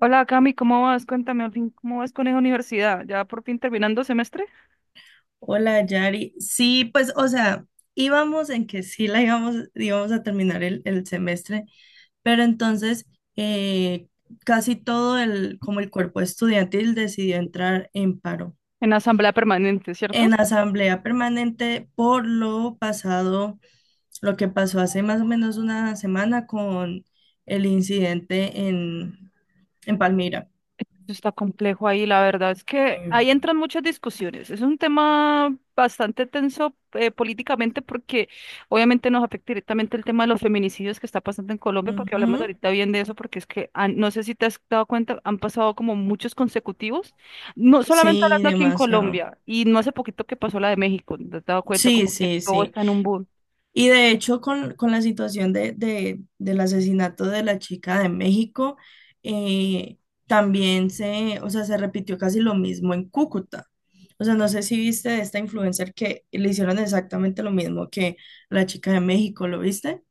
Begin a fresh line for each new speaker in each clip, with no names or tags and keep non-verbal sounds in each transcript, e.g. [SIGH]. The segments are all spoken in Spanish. Hola Cami, ¿cómo vas? Cuéntame, al fin, ¿cómo vas con la universidad? Ya por fin terminando semestre
Hola, Yari. Sí, pues, o sea, íbamos en que sí la íbamos a terminar el semestre, pero entonces eh, casi todo como el cuerpo estudiantil decidió entrar en paro,
en asamblea permanente, ¿cierto?
en asamblea permanente por lo pasado, lo que pasó hace más o menos una semana con el incidente en Palmira.
Eso está complejo ahí, la verdad es que
Eh,
ahí entran muchas discusiones. Es un tema bastante tenso, políticamente, porque obviamente nos afecta directamente el tema de los feminicidios que está pasando en Colombia, porque hablamos
Ujú.
ahorita bien de eso, porque es que no sé si te has dado cuenta, han pasado como muchos consecutivos, no solamente
Sí,
hablando aquí en
demasiado.
Colombia, y no hace poquito que pasó la de México, ¿te has dado cuenta?
Sí,
Como que
sí,
todo
sí.
está en un boom.
Y de hecho, con la situación del asesinato de la chica de México, eh, también o sea, se repitió casi lo mismo en Cúcuta. O sea, no sé si viste de esta influencer que le hicieron exactamente lo mismo que la chica de México, ¿lo viste?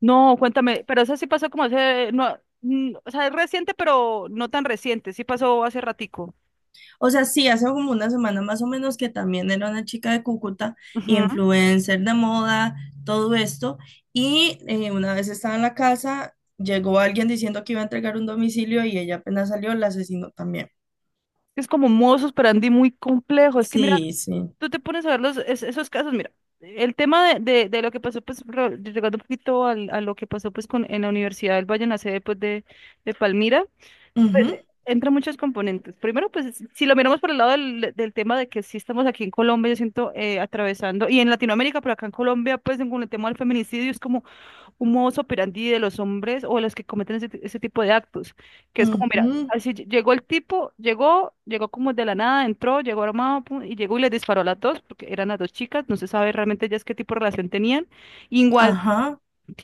No, cuéntame, pero eso sí pasó como hace, no, o sea, es reciente, pero no tan reciente, sí pasó hace ratico.
O sea, sí, hace como una semana más o menos que también era una chica de Cúcuta,
Ujú.
influencer de moda, todo esto. Y una vez estaba en la casa, llegó alguien diciendo que iba a entregar un domicilio y ella apenas salió, la asesinó también.
Es como un modus operandi muy complejo. Es que mira,
Sí, sí.
tú te pones a ver esos casos, mira, el tema de lo que pasó, pues, llegando un poquito a lo que pasó, pues, con, en la Universidad del Valle, en la sede, pues, de Palmira, pues,
Ujú,
entra muchos componentes. Primero, pues, si lo miramos por el lado del tema de que sí estamos aquí en Colombia, yo siento, atravesando, y en Latinoamérica, pero acá en Colombia, pues, con el tema del feminicidio, es como un modo operandi de los hombres o de los que cometen ese tipo de actos, que es como, mira,
ujú,
así llegó el tipo, llegó como de la nada, entró, llegó armado pum, y llegó y les disparó a las dos, porque eran las dos chicas, no se sabe realmente ellas qué tipo de relación tenían. Igual,
ajá,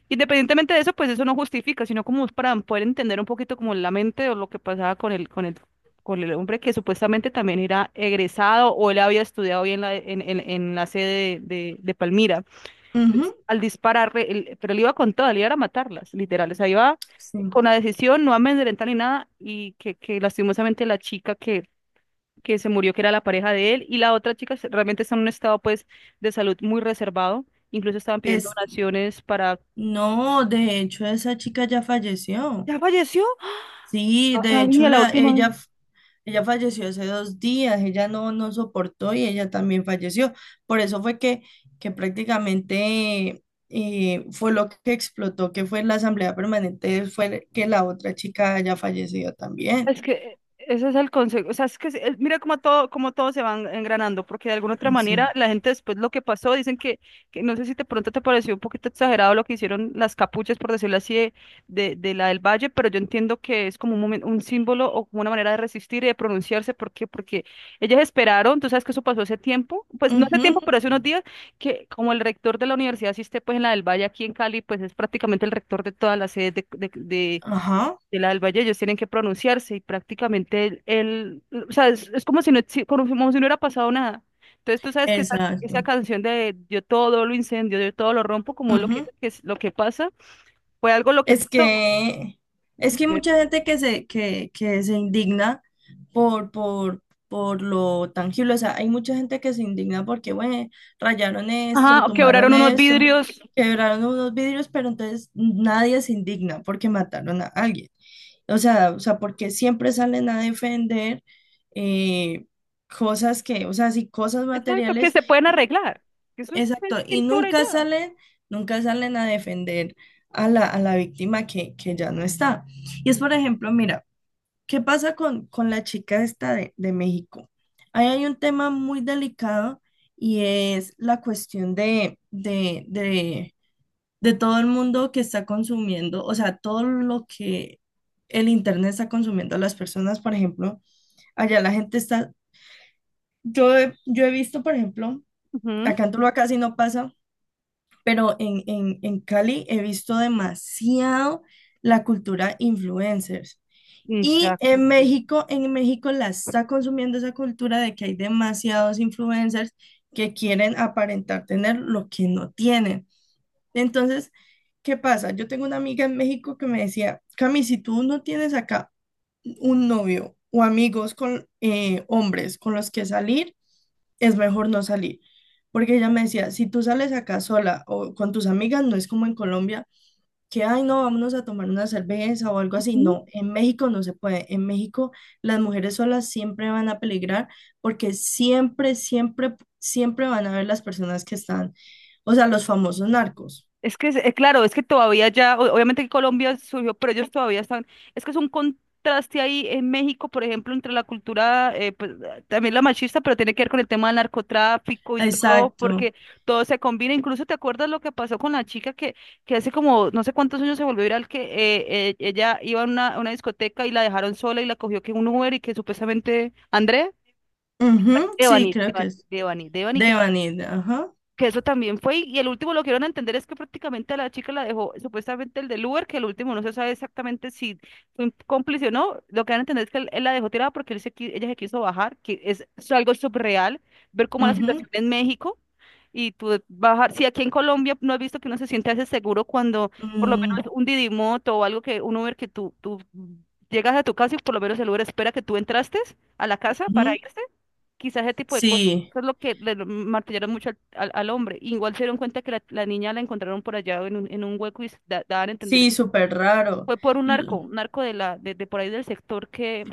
independientemente de eso, pues eso no justifica, sino como es para poder entender un poquito como la mente o lo que pasaba con el hombre que supuestamente también era egresado o él había estudiado bien en la sede de, de Palmira
ujú,
al disparar, pero él iba con toda, él iba a matarlas, literal. O sea, iba
sí.
con la decisión, no amedrentar ni nada, y que lastimosamente la chica que se murió, que era la pareja de él, y la otra chica realmente está en un estado pues de salud muy reservado. Incluso estaban pidiendo
Es,
donaciones para...
no, de hecho, esa chica ya falleció.
¿Ya falleció?
Sí,
No
de hecho,
sabía la
la,
última.
ella Ella falleció hace 2 días, ella no soportó y ella también falleció. Por eso fue que prácticamente fue lo que explotó, que fue la asamblea permanente, fue que la otra chica haya fallecido también.
Es que ese es el consejo, o sea, es que mira cómo todo se van engranando, porque de alguna otra manera
Sí.
la gente después lo que pasó, dicen que, no sé si de pronto te pareció un poquito exagerado lo que hicieron las capuchas, por decirlo así, de la del Valle, pero yo entiendo que es como un un símbolo o como una manera de resistir y de pronunciarse, ¿por qué? Porque ellas esperaron, tú sabes que eso pasó hace tiempo, pues no hace tiempo,
Ujú,
pero hace unos días, que como el rector de la universidad asiste pues en la del Valle aquí en Cali, pues es prácticamente el rector de todas las sedes
ajá,
de la del Valle, ellos tienen que pronunciarse y prácticamente o sea, es como si no, como si no hubiera pasado nada. Entonces tú sabes que esa
exacto.
canción de yo todo lo incendio, yo todo lo rompo, como lo que,
Ujú.
que es lo que pasa, fue algo lo que
Es
pasó.
que, es que hay mucha gente que se indigna por, por, por lo tangible. O sea, hay mucha gente que se indigna porque, bueno, rayaron
Ajá,
esto,
o quebraron
tumbaron
unos
eso,
vidrios,
quebraron unos vidrios, pero entonces nadie se indigna porque mataron a alguien. O sea, porque siempre salen a defender eh, o sea, sí, cosas
exacto, que
materiales.
se pueden arreglar. Eso es
Exacto, y
pintura y
nunca
ya.
salen, nunca salen a defender a la víctima que ya no está. Y es, por ejemplo, mira, ¿qué pasa con la chica esta de México? Ahí hay un tema muy delicado y es la cuestión de todo el mundo que está consumiendo, o sea, todo lo que el Internet está consumiendo a las personas, por ejemplo, allá la gente está, yo he visto, por ejemplo,
Ujú.
acá en Tuluá casi no pasa, pero en Cali he visto demasiado la cultura influencers. Y
Exacto, sí.
En México la está consumiendo esa cultura de que hay demasiados influencers que quieren aparentar tener lo que no tienen. Entonces, ¿qué pasa? Yo tengo una amiga en México que me decía, Cami, si tú no tienes acá un novio o amigos con hombres con los que salir, es mejor no salir. Porque ella me decía, si tú sales acá sola o con tus amigas, no es como en Colombia, que, ay, no, vámonos a tomar una cerveza o algo así. No, en México no se puede. En México las mujeres solas siempre van a peligrar porque siempre, siempre, siempre van a ver las personas que están, o sea, los famosos narcos.
Es que, claro, es que todavía ya, obviamente que Colombia surgió, pero ellos todavía están, es que es un contraste ahí en México, por ejemplo, entre la cultura, pues, también la machista, pero tiene que ver con el tema del narcotráfico y todo,
Exacto.
porque todo se combina. Incluso te acuerdas lo que pasó con la chica que hace como no sé cuántos años se volvió viral, que ella iba a una discoteca y la dejaron sola y la cogió que un Uber y que supuestamente, André,
Ujú, sí,
Devani,
creo que
Devani,
es
Devani, Devani,
Devani, ajá.
que eso también fue, y el último lo que dieron a entender es que prácticamente a la chica la dejó, supuestamente el del Uber, que el último no se sabe exactamente si fue un cómplice o no, lo que dan a entender es que él la dejó tirada porque ella se quiso bajar, que es algo subreal, ver cómo la
Ujú,
situación en México, y tú bajar, si aquí en Colombia no has visto que uno se siente hace seguro cuando por lo menos
mm,
un Didimoto o algo que, un Uber que tú llegas a tu casa y por lo menos el Uber espera que tú entraste a la casa para
ujú.
irse. Quizás ese tipo de cosas
Sí,
eso es lo que le lo martillaron mucho al hombre. Igual se dieron cuenta que la niña la encontraron por allá en un hueco y daban a entender.
sí, súper raro.
Fue por
L-
un narco de por ahí del sector que...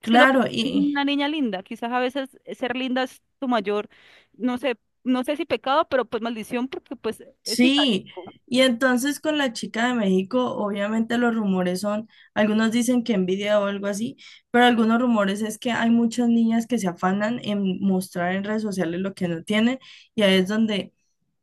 Es que no fue
claro, y
una niña linda. Quizás a veces ser linda es tu mayor, no sé, no sé si pecado, pero pues maldición porque pues es
sí,
castigo.
y entonces con la chica de México, obviamente los rumores son, algunos dicen que envidia o algo así, pero algunos rumores es que hay muchas niñas que se afanan en mostrar en redes sociales lo que no tienen y ahí es donde,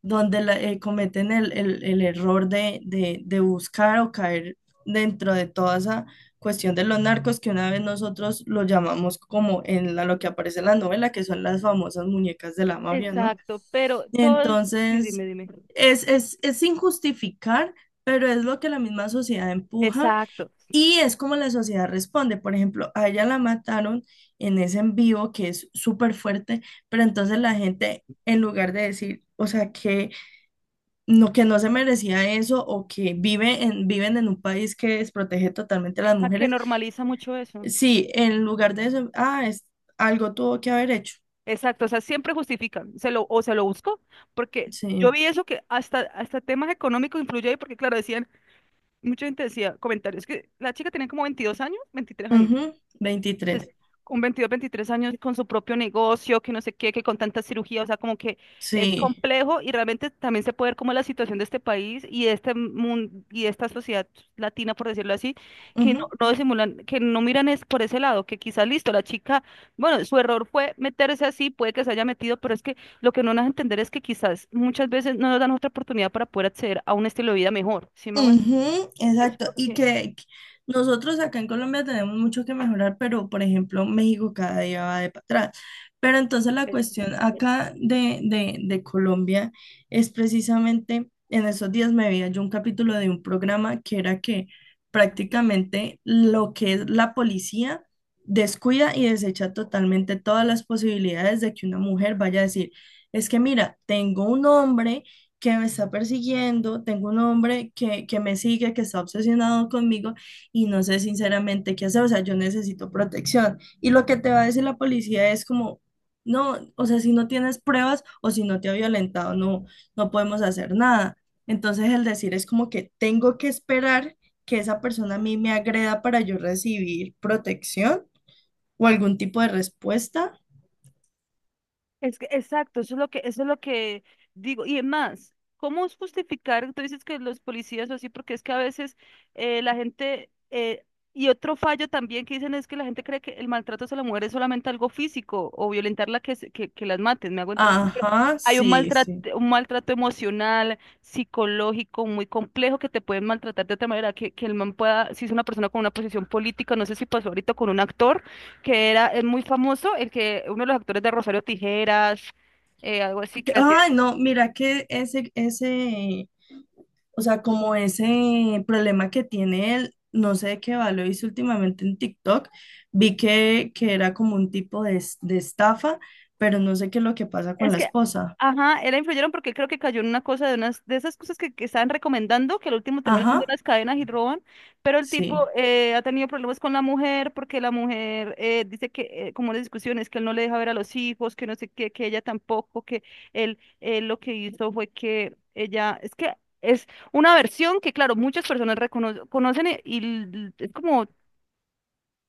donde cometen el error de buscar o caer dentro de toda esa cuestión de los narcos que una vez nosotros lo llamamos como en lo que aparece en la novela, que son las famosas muñecas de la mafia, ¿no?
Exacto, pero todo... Sí,
Entonces...
dime, dime.
Es sin justificar, pero es lo que la misma sociedad empuja
Exacto.
y es como la sociedad responde. Por ejemplo, a ella la mataron en ese en vivo que es súper fuerte, pero entonces la gente, en lugar de decir, o sea, que no se merecía eso o que vive viven en un país que desprotege totalmente a las
A que
mujeres,
normaliza mucho eso.
sí, en lugar de eso, ah, algo tuvo que haber hecho.
Exacto, o sea, siempre justifican, se lo, o se lo busco, porque
Sí.
yo vi eso que hasta temas económicos influye ahí, porque claro, decían, mucha gente decía comentarios, que la chica tenía como 22 años, 23 años,
Ujú,
es-
23.
con 22, 23 años con su propio negocio, que no sé qué, que con tanta cirugía, o sea, como que es
Sí.
complejo y realmente también se puede ver como la situación de este país y de este mundo y de esta sociedad latina, por decirlo así, que no disimulan, que no miran es por ese lado, que quizás listo, la chica, bueno, su error fue meterse así, puede que se haya metido, pero es que lo que no nos entender es que quizás muchas veces no nos dan otra oportunidad para poder acceder a un estilo de vida mejor, ¿sí me hago? Eso
Ujú,
es
exacto,
lo
y que nosotros acá en Colombia tenemos mucho que mejorar, pero por ejemplo México cada día va de para atrás. Pero entonces la
que...
cuestión acá de Colombia es precisamente, en esos días me veía yo un capítulo de un programa que era que prácticamente lo que es la policía descuida y desecha totalmente todas las posibilidades de que una mujer vaya a decir, es que mira, tengo un hombre que me está persiguiendo, tengo un hombre que me sigue, que está obsesionado conmigo y no sé sinceramente qué hacer, o sea, yo necesito protección. Y lo que te va a decir la policía es como, no, o sea, si no tienes pruebas o si no te ha violentado, no podemos hacer nada. Entonces el decir es como que tengo que esperar que esa persona a mí me agreda para yo recibir protección o algún tipo de respuesta.
Es que, exacto, eso es lo que digo. Y es más, ¿cómo es justificar? Tú dices que los policías o así, porque es que a veces la gente, y otro fallo también que dicen es que la gente cree que el maltrato hacia la mujer es solamente algo físico o violentarla que las maten, me hago entender.
Ajá,
Hay
sí, sí.
un maltrato emocional, psicológico, muy complejo que te pueden maltratar de otra manera, que el man pueda, si es una persona con una posición política, no sé si pasó ahorita con un actor que era, es muy famoso, el que, uno de los actores de Rosario Tijeras, algo así que hacía.
Ay, no, mira que ese, o sea, como ese problema que tiene él, no sé de qué valor hizo últimamente en TikTok, vi que era como un tipo de estafa, pero no sé qué es lo que pasa con
Es
la
que,
esposa.
ajá, era influyeron porque creo que cayó en una cosa de unas de esas cosas que estaban recomendando, que al último termina siendo
Ajá,
unas cadenas y roban, pero el tipo
sí,
ha tenido problemas con la mujer porque la mujer dice que, como las discusiones, que él no le deja ver a los hijos, que no sé qué, que ella tampoco, que él lo que hizo fue que ella, es que es una versión que, claro, muchas personas reconocen conocen es como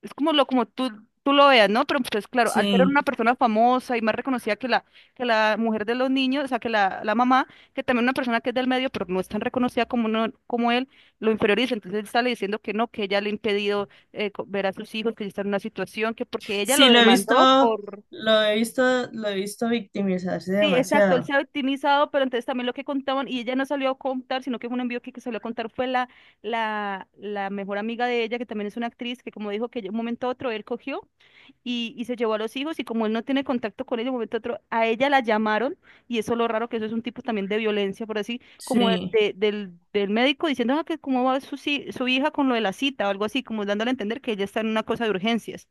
es como lo como tú lo veas, ¿no? Pero pues claro, al ser
sí.
una persona famosa y más reconocida que la mujer de los niños, o sea, que la mamá, que también una persona que es del medio, pero no es tan reconocida como, no como él, lo inferioriza. Entonces él sale diciendo que no, que ella le ha impedido ver a sus hijos, que está en una situación, que porque ella lo
Sí,
demandó por...
lo he visto, lo he visto victimizarse
Sí, exacto, él se
demasiado.
ha victimizado, pero entonces también lo que contaban, y ella no salió a contar, sino que fue un envío que salió a contar fue la mejor amiga de ella, que también es una actriz, que como dijo que de un momento a otro él cogió y se llevó a los hijos y como él no tiene contacto con ella, de un momento a otro, a ella la llamaron y eso es lo raro que eso es un tipo también de violencia, por así, como de-
Sí.
de- del, del médico diciendo "Ah, que cómo va su, si- su hija con lo de la cita o algo así", como dándole a entender que ella está en una cosa de urgencias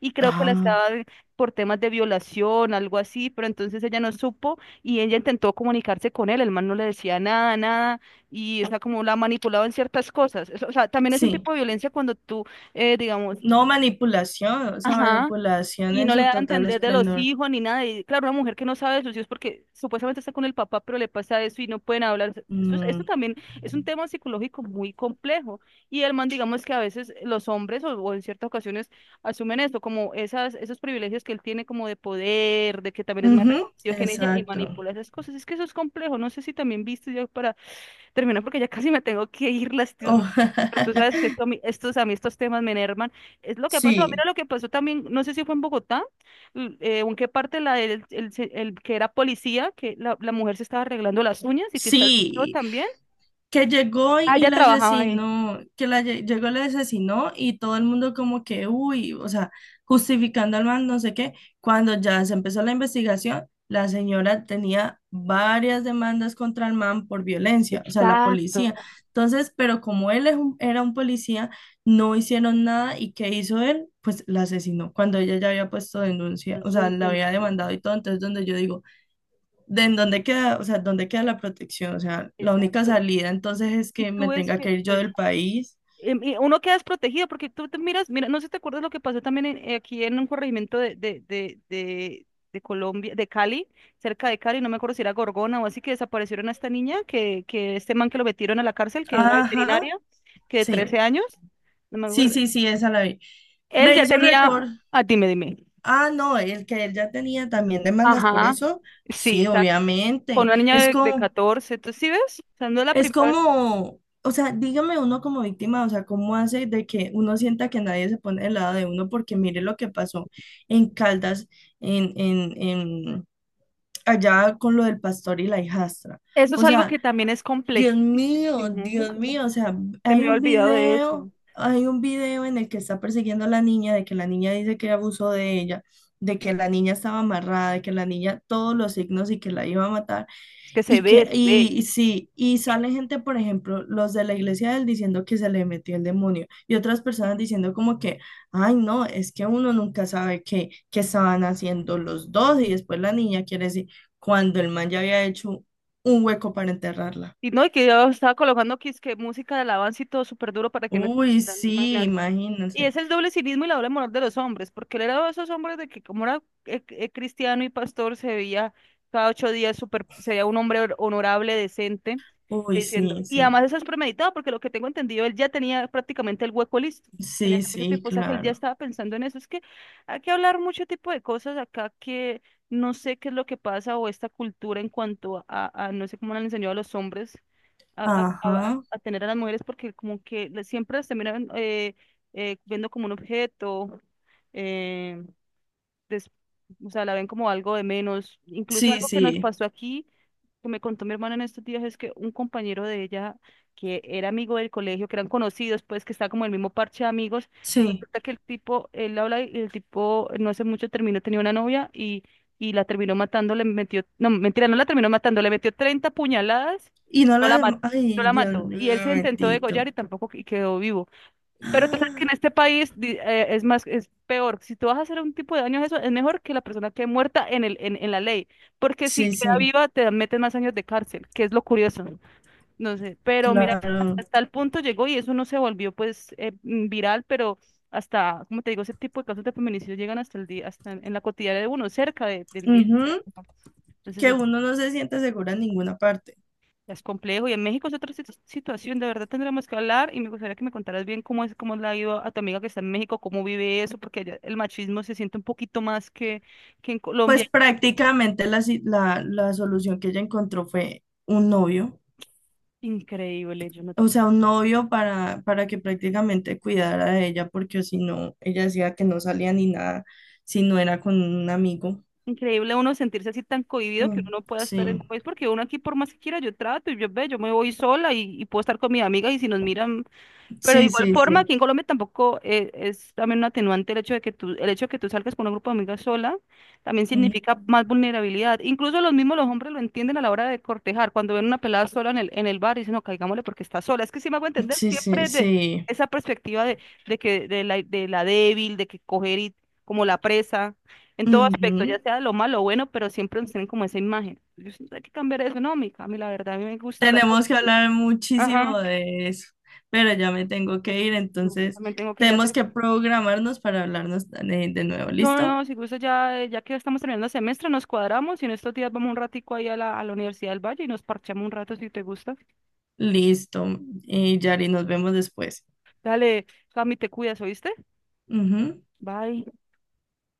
y creo que la
Ah,
estaba por temas de violación, algo así, pero entonces ella no supo y ella intentó comunicarse con él, el man no le decía nada, nada y o sea, como la manipulaba en ciertas cosas. Eso, o sea, también es un
sí.
tipo de violencia cuando tú, digamos,
No manipulación, o sea,
ajá.
manipulación
Y
en
no le
su
da a
total
entender de los
esplendor.
hijos ni nada. Y claro, una mujer que no sabe de sus hijos porque supuestamente está con el papá, pero le pasa eso y no pueden hablar. Eso, eso
Mm,
también es un tema psicológico muy complejo. Y el man, digamos que a veces los hombres o en ciertas ocasiones asumen esto, como esas, esos privilegios que él tiene como de poder, de que también es más
ujú,
reconocido que en ella y
exacto.
manipula esas cosas. Es que eso es complejo. No sé si también viste, yo para termino porque ya casi me tengo que ir, [LAUGHS]
Oh,
pero tú sabes que esto,
[LAUGHS]
a mí estos temas me enervan. Es lo que ha pasado. Mira
sí,
lo que pasó también, no sé si fue en Bogotá, o en qué parte la, el que era policía, que la mujer se estaba arreglando las uñas y que está el video
sí.
también.
Que llegó y,
Ah,
y
ella
la
trabajaba ahí.
asesinó, que llegó y la asesinó y todo el mundo como que, uy, o sea, justificando al man, no sé qué. Cuando ya se empezó la investigación, la señora tenía varias demandas contra el man por violencia, o sea, la
Exacto.
policía. Entonces, pero como él es era un policía, no hicieron nada y ¿qué hizo él? Pues la asesinó cuando ella ya había puesto denuncia, o
Es
sea,
un
la
tema.
había demandado y todo. Entonces, donde yo digo ¿de en dónde queda, o sea, dónde queda la protección? O sea, la única
Exacto.
salida entonces es
Y
que
tú
me
ves
tenga que
que,
ir yo
pues,
del país.
y uno queda desprotegido porque tú te miras, mira, no sé si te acuerdas lo que pasó también aquí en un corregimiento de Colombia, de Cali, cerca de Cali, no me acuerdo si era Gorgona o así, que desaparecieron a esta niña, que este man que lo metieron a la cárcel, que era
Ajá,
veterinario, que de
sí.
13 años, no me
Sí,
acuerdo.
sí, sí, esa la vi.
Él
Me
ya
hizo récord.
tenía, ah, dime, dime.
Ah, no, el que él ya tenía también demandas por
Ajá,
eso.
sí,
Sí,
exacto. Con
obviamente.
una niña
Es
de
como,
14, ¿tú sí ves? O sea, no es la
es
primera vez.
como, o sea, dígame uno como víctima, o sea, ¿cómo hace de que uno sienta que nadie se pone del lado de uno? Porque mire lo que pasó en Caldas, en allá con lo del pastor y la hijastra.
Eso es
O
algo
sea,
que también es complejísimo.
Dios mío, o sea,
Se me ha olvidado de eso.
hay un video en el que está persiguiendo a la niña, de que la niña dice que abusó de ella, de que la niña estaba amarrada, de que la niña todos los signos y que la iba a matar,
Es que se
y que,
ve, se
y,
ve.
y sí, y sale gente, por ejemplo, los de la iglesia de él diciendo que se le metió el demonio, y otras personas diciendo como que, ay, no, es que uno nunca sabe qué, qué estaban haciendo los dos, y después la niña quiere decir, cuando el man ya había hecho un hueco para enterrarla.
Y no, y que yo estaba colocando que es que música de alabanza y todo súper duro para que no
Uy,
escucharan.
sí,
Y
imagínense.
ese es el doble cinismo y la doble moral de los hombres, porque él era de esos hombres de que como era cristiano y pastor, se veía cada 8 días super, se veía un hombre honorable, decente,
Uy,
diciendo,
sí,
y
sí.
además eso es premeditado, porque lo que tengo entendido, él ya tenía prácticamente el hueco listo, tenía
Sí,
mucho
sí,
tiempo, o sea que él ya
claro.
estaba pensando en eso. Es que hay que hablar mucho tipo de cosas acá, que no sé qué es lo que pasa o esta cultura en cuanto a, no sé cómo le han enseñado a los hombres a, a- a-
Ajá.
a tener a las mujeres porque como que siempre las terminan viendo como un objeto. eh, des- o sea, la ven como algo de menos. Incluso
Sí,
algo que nos
sí,
pasó aquí, que me contó mi hermana en estos días, es que un compañero de ella, que era amigo del colegio, que eran conocidos, pues que está como en el mismo parche de amigos,
sí.
resulta que el tipo, él habla y el tipo, no hace mucho terminó, tenía una novia y la terminó matando, le metió, no, mentira, no la terminó matando, le metió 30 puñaladas,
Y no
no la
la,
mató. No
ay,
la
Dios
mató.
mío,
Y él se intentó degollar
bendito.
y
[GASPS]
tampoco y quedó vivo. Pero tú sabes que en
Ah,
este país es más, es peor. Si tú vas a hacer un tipo de daño, eso es mejor que la persona quede muerta en la ley. Porque si
sí,
queda
sí.
viva, te meten más años de cárcel, que es lo curioso. No sé. Pero mira,
Claro.
hasta el punto llegó y eso no se volvió pues viral, pero hasta, como te digo, ese tipo de casos de feminicidio llegan hasta el día, hasta en la cotidiana de uno, cerca del día.
Ujú. Que
Entonces,
uno no se siente seguro en ninguna parte.
es complejo y en México es otra situación, de verdad tendremos que hablar y me gustaría que me contaras bien cómo es, cómo le ha ido a tu amiga que está en México, cómo vive eso, porque allá el machismo se siente un poquito más que en
Pues
Colombia.
prácticamente la, si- la solución que ella encontró fue un novio.
Increíble, yo no te-
O sea, un novio para que prácticamente cuidara de ella, porque si no, ella decía que no salía ni nada si no era con un amigo.
increíble uno sentirse así tan cohibido que
Mm,
uno no pueda estar en un
sí,
país, porque uno aquí por más que quiera yo trato y yo me voy sola y puedo estar con mi amiga y si nos miran. Pero de
sí,
igual
sí,
forma,
sí.
aquí en Colombia tampoco, es también un atenuante el hecho de que tú, salgas con un grupo de amigas sola, también
Mm,
significa más vulnerabilidad. Incluso los mismos los hombres lo entienden a la hora de cortejar, cuando ven una pelada sola en el bar y dicen, no, caigámosle porque está sola. Es que sí me hago entender
sí, sí,
siempre de
sí.
esa perspectiva de, que de la débil, de que coger y como la presa, en todo aspecto,
Ujú.
ya sea lo malo o bueno, pero siempre nos tienen como esa imagen. Yo siento que hay que cambiar eso. No, mi Cami, la verdad, a mí me gusta hablar.
Tenemos que hablar
Ajá.
muchísimo de eso, pero ya me tengo que ir,
No, yo
entonces
también tengo que ya
tenemos que
terminar.
programarnos para hablarnos de nuevo.
No,
¿Listo?
no, si gusta ya, ya que estamos terminando semestre, nos cuadramos y en estos días vamos un ratico ahí a la Universidad del Valle y nos parchamos un rato si te gusta.
Listo. Y Yari, nos vemos después.
Dale, Cami, te cuidas, ¿oíste?
Ujú.
Bye.